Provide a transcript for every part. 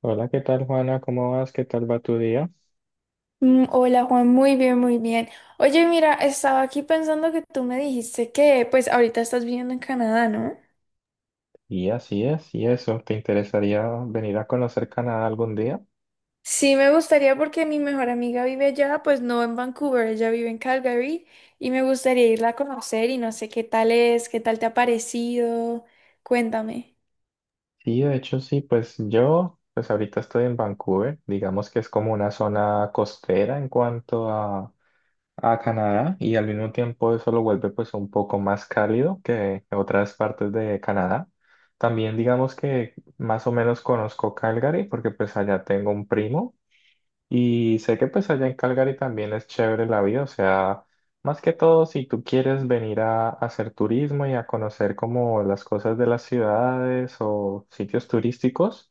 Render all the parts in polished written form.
Hola, ¿qué tal, Juana? ¿Cómo vas? ¿Qué tal va tu día? Hola, Juan, muy bien, muy bien. Oye, mira, estaba aquí pensando que tú me dijiste que pues ahorita estás viviendo en Canadá, ¿no? Y así es, y eso, ¿te interesaría venir a conocer Canadá algún día? Sí, me gustaría porque mi mejor amiga vive allá, pues no en Vancouver, ella vive en Calgary y me gustaría irla a conocer y no sé qué tal es, qué tal te ha parecido. Cuéntame. Sí, de hecho sí, pues yo, pues ahorita estoy en Vancouver, digamos que es como una zona costera en cuanto a Canadá y al mismo tiempo eso lo vuelve pues un poco más cálido que otras partes de Canadá. También digamos que más o menos conozco Calgary porque pues allá tengo un primo. Y sé que pues allá en Calgary también es chévere la vida, o sea, más que todo si tú quieres venir a hacer turismo y a conocer como las cosas de las ciudades o sitios turísticos,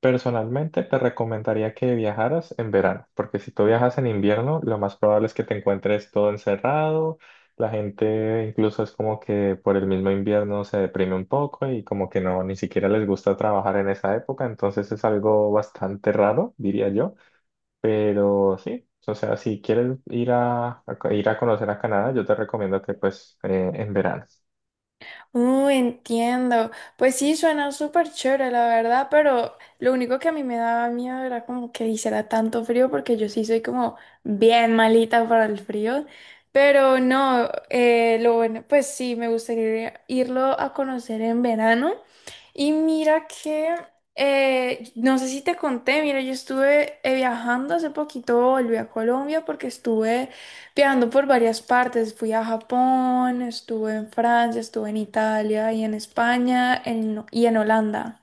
personalmente te recomendaría que viajaras en verano, porque si tú viajas en invierno, lo más probable es que te encuentres todo encerrado, la gente incluso es como que por el mismo invierno se deprime un poco y como que no, ni siquiera les gusta trabajar en esa época, entonces es algo bastante raro, diría yo. Pero sí, o sea, si quieres ir ir a conocer a Canadá, yo te recomiendo que pues en verano. Entiendo. Pues sí, suena súper chévere, la verdad, pero lo único que a mí me daba miedo era como que hiciera tanto frío, porque yo sí soy como bien malita para el frío. Pero no, lo bueno, pues sí, me gustaría irlo a conocer en verano. Y mira que, no sé si te conté, mira, yo estuve viajando hace poquito, volví a Colombia porque estuve viajando por varias partes, fui a Japón, estuve en Francia, estuve en Italia y en España y en Holanda.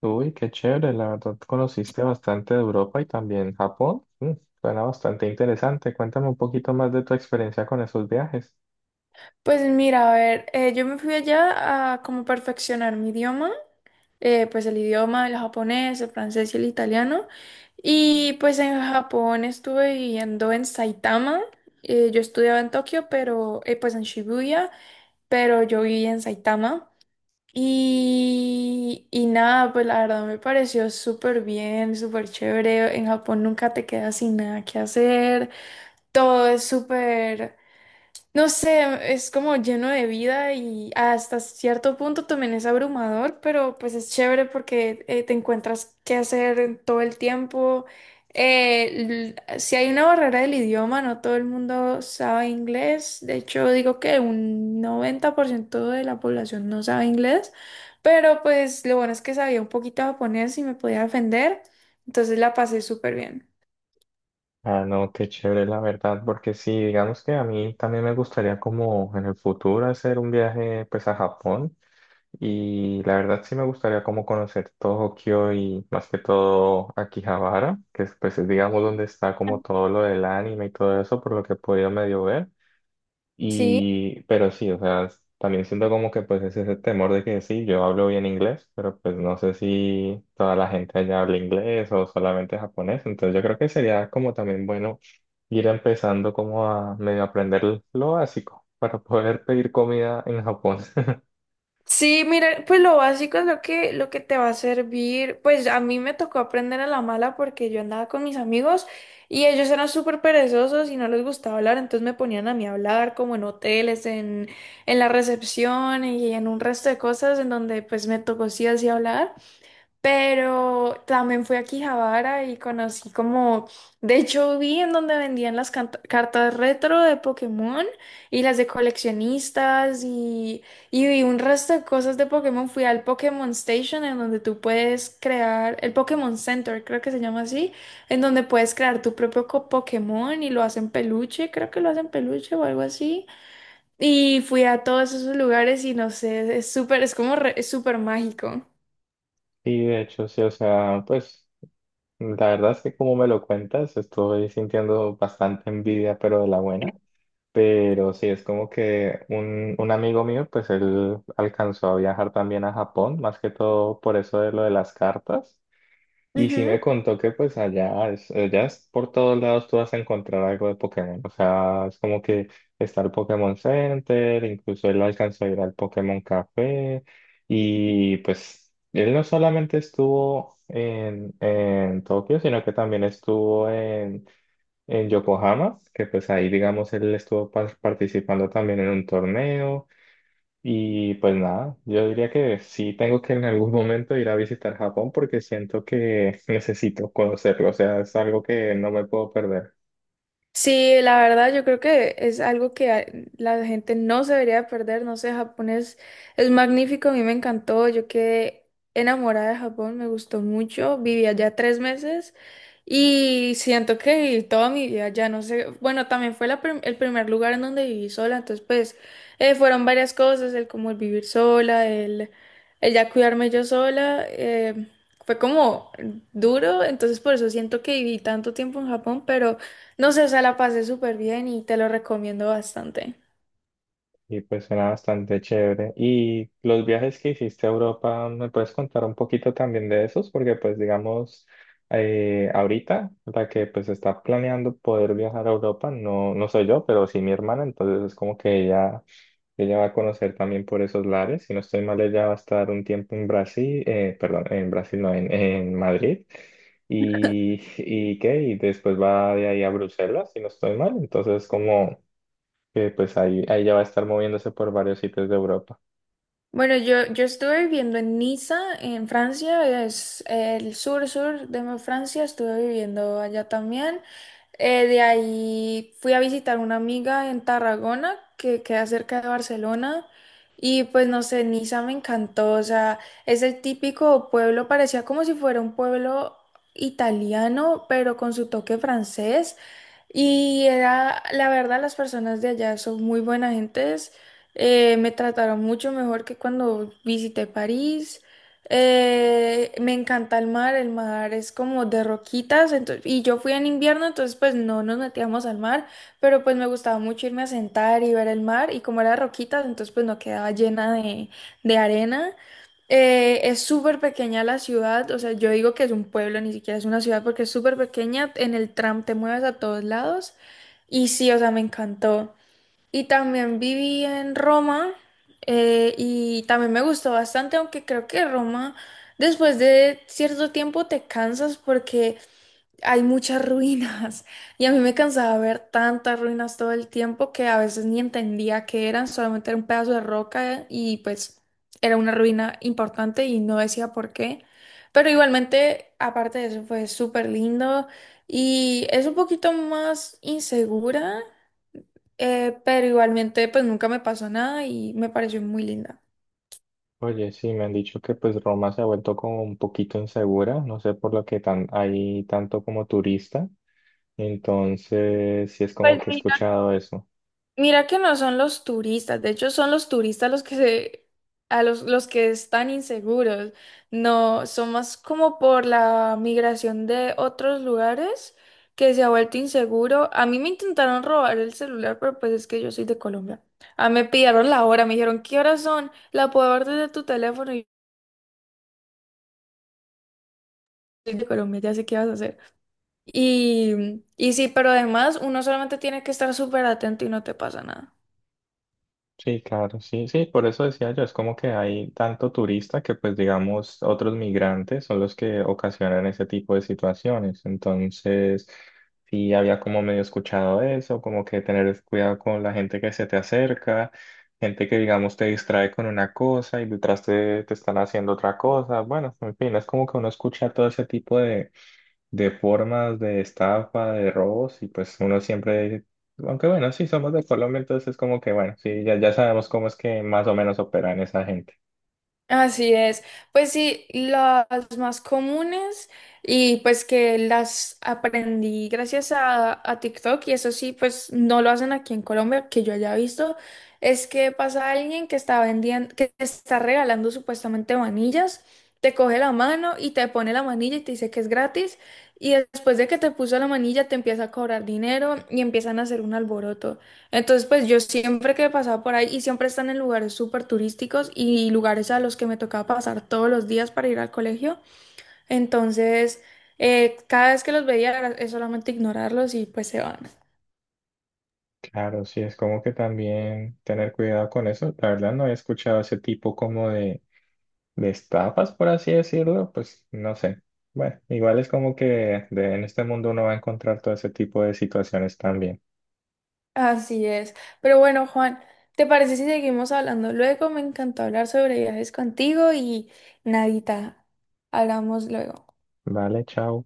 Uy, qué chévere, la verdad conociste bastante de Europa y también Japón. Mm, suena bastante interesante. Cuéntame un poquito más de tu experiencia con esos viajes. Pues mira, a ver, yo me fui allá a como perfeccionar mi idioma, pues el idioma, el japonés, el francés y el italiano. Y pues en Japón estuve viviendo en Saitama. Yo estudiaba en Tokio, pero pues en Shibuya, pero yo viví en Saitama. Y nada, pues la verdad me pareció súper bien, súper chévere. En Japón nunca te quedas sin nada que hacer. Todo es súper, no sé, es como lleno de vida y hasta cierto punto también es abrumador, pero pues es chévere porque te encuentras qué hacer en todo el tiempo. Si hay una barrera del idioma, no todo el mundo sabe inglés. De hecho, digo que un 90% de la población no sabe inglés, pero pues lo bueno es que sabía un poquito japonés y me podía defender, entonces la pasé súper bien. Ah, no, qué chévere, la verdad, porque sí, digamos que a mí también me gustaría como en el futuro hacer un viaje pues a Japón. Y la verdad sí me gustaría como conocer Tokio y más que todo Akihabara, que es pues es, digamos donde está como todo lo del anime y todo eso, por lo que he podido medio ver. Sí. Y, pero sí, o sea, también siento como que pues es ese temor de que sí, yo hablo bien inglés, pero pues no sé si toda la gente allá habla inglés o solamente japonés. Entonces yo creo que sería como también bueno ir empezando como a medio aprender lo básico para poder pedir comida en Japón. Sí, mira, pues lo básico es lo que te va a servir. Pues a mí me tocó aprender a la mala porque yo andaba con mis amigos y ellos eran súper perezosos y no les gustaba hablar, entonces me ponían a mí a hablar como en hoteles, en la recepción y en un resto de cosas en donde pues me tocó sí así hablar. Pero también fui a Quijabara y conocí como, de hecho vi en donde vendían las cartas retro de Pokémon y las de coleccionistas y vi un resto de cosas de Pokémon. Fui al Pokémon Station en donde tú puedes crear, el Pokémon Center creo que se llama así, en donde puedes crear tu propio Pokémon y lo hacen peluche, creo que lo hacen peluche o algo así. Y fui a todos esos lugares y no sé, es súper, es como es súper mágico. Sí, de hecho, sí, o sea, pues la verdad es que como me lo cuentas, estoy sintiendo bastante envidia, pero de la buena. Pero sí, es como que un amigo mío, pues él alcanzó a viajar también a Japón, más que todo por eso de lo de las cartas. Y sí me contó que pues allá es por todos lados tú vas a encontrar algo de Pokémon. O sea, es como que está el Pokémon Center, incluso él alcanzó a ir al Pokémon Café. Y pues él no solamente estuvo en Tokio, sino que también estuvo en Yokohama, que pues ahí digamos él estuvo participando también en un torneo. Y pues nada, yo diría que sí tengo que en algún momento ir a visitar Japón porque siento que necesito conocerlo, o sea, es algo que no me puedo perder. Sí, la verdad yo creo que es algo que la gente no se debería perder, no sé, Japón es magnífico, a mí me encantó, yo quedé enamorada de Japón, me gustó mucho, viví allá 3 meses y siento que viví toda mi vida allá, no sé, bueno, también fue la el primer lugar en donde viví sola, entonces pues fueron varias cosas, el como el vivir sola, el ya cuidarme yo sola, fue como duro, entonces por eso siento que viví tanto tiempo en Japón, pero... No sé, o sea, la pasé súper bien y te lo recomiendo bastante. Y pues suena bastante chévere. Y los viajes que hiciste a Europa, ¿me puedes contar un poquito también de esos? Porque pues digamos, ahorita la que pues está planeando poder viajar a Europa, no, no soy yo, pero sí mi hermana, entonces es como que ella Ella va a conocer también por esos lares. Si no estoy mal, ella va a estar un tiempo en Brasil, perdón, en Brasil, no, en Madrid. Y, y qué, y después va de ahí a Bruselas, si no estoy mal. Entonces, como que pues ahí, ahí ya va a estar moviéndose por varios sitios de Europa. Bueno, yo estuve viviendo en Niza, en Francia, es el sur-sur de Francia, estuve viviendo allá también. De ahí fui a visitar una amiga en Tarragona, que queda cerca de Barcelona, y pues no sé, Niza me encantó, o sea, es el típico pueblo, parecía como si fuera un pueblo italiano, pero con su toque francés, y era, la verdad, las personas de allá son muy buenas gentes, me trataron mucho mejor que cuando visité París. Me encanta el mar es como de roquitas, entonces, y yo fui en invierno, entonces pues no nos metíamos al mar, pero pues me gustaba mucho irme a sentar y ver el mar, y como era de roquitas, entonces pues no quedaba llena de arena. Es súper pequeña la ciudad, o sea, yo digo que es un pueblo, ni siquiera es una ciudad porque es súper pequeña, en el tram te mueves a todos lados, y sí, o sea, me encantó. Y también viví en Roma, y también me gustó bastante, aunque creo que Roma después de cierto tiempo te cansas porque hay muchas ruinas y a mí me cansaba ver tantas ruinas todo el tiempo que a veces ni entendía qué eran, solamente era un pedazo de roca y pues era una ruina importante y no decía por qué. Pero igualmente, aparte de eso, fue súper lindo y es un poquito más insegura, pero igualmente pues nunca me pasó nada y me pareció muy linda. Oye, sí, me han dicho que pues Roma se ha vuelto como un poquito insegura, no sé por lo que tan, hay tanto como turista. Entonces, sí es como Pues que he mira, escuchado eso. mira que no son los turistas, de hecho son los turistas los que se, a los que están inseguros, no, son más como por la migración de otros lugares que se ha vuelto inseguro. A mí me intentaron robar el celular, pero pues es que yo soy de Colombia. Ah, me pidieron la hora, me dijeron, ¿qué horas son? ¿La puedo ver desde tu teléfono? Y yo soy de Colombia, ya sé qué vas a hacer. Y sí, pero además uno solamente tiene que estar súper atento y no te pasa nada. Sí, claro, sí, sí, por eso decía yo, es como que hay tanto turista que pues digamos otros migrantes son los que ocasionan ese tipo de situaciones. Entonces, sí había como medio escuchado eso, como que tener cuidado con la gente que se te acerca, gente que digamos te distrae con una cosa y detrás te están haciendo otra cosa. Bueno, en fin, es como que uno escucha todo ese tipo de formas de estafa, de robos, y pues uno siempre, aunque bueno, sí somos de Colombia, entonces es como que bueno, sí, ya, ya sabemos cómo es que más o menos operan esa gente. Así es. Pues sí, las más comunes y pues que las aprendí gracias a TikTok y eso sí, pues no lo hacen aquí en Colombia, que yo haya visto, es que pasa alguien que está vendiendo, que te está regalando supuestamente manillas, te coge la mano y te pone la manilla y te dice que es gratis y después de que te puso la manilla te empieza a cobrar dinero y empiezan a hacer un alboroto. Entonces, pues yo siempre que pasaba por ahí y siempre están en lugares súper turísticos y lugares a los que me tocaba pasar todos los días para ir al colegio. Entonces, cada vez que los veía es solamente ignorarlos y pues se van. Claro, sí, es como que también tener cuidado con eso. La verdad no he escuchado ese tipo como de estafas, por así decirlo, pues no sé. Bueno, igual es como que en este mundo uno va a encontrar todo ese tipo de situaciones también. Así es. Pero bueno, Juan, ¿te parece si seguimos hablando luego? Me encantó hablar sobre viajes contigo y nadita, hablamos luego. Vale, chao.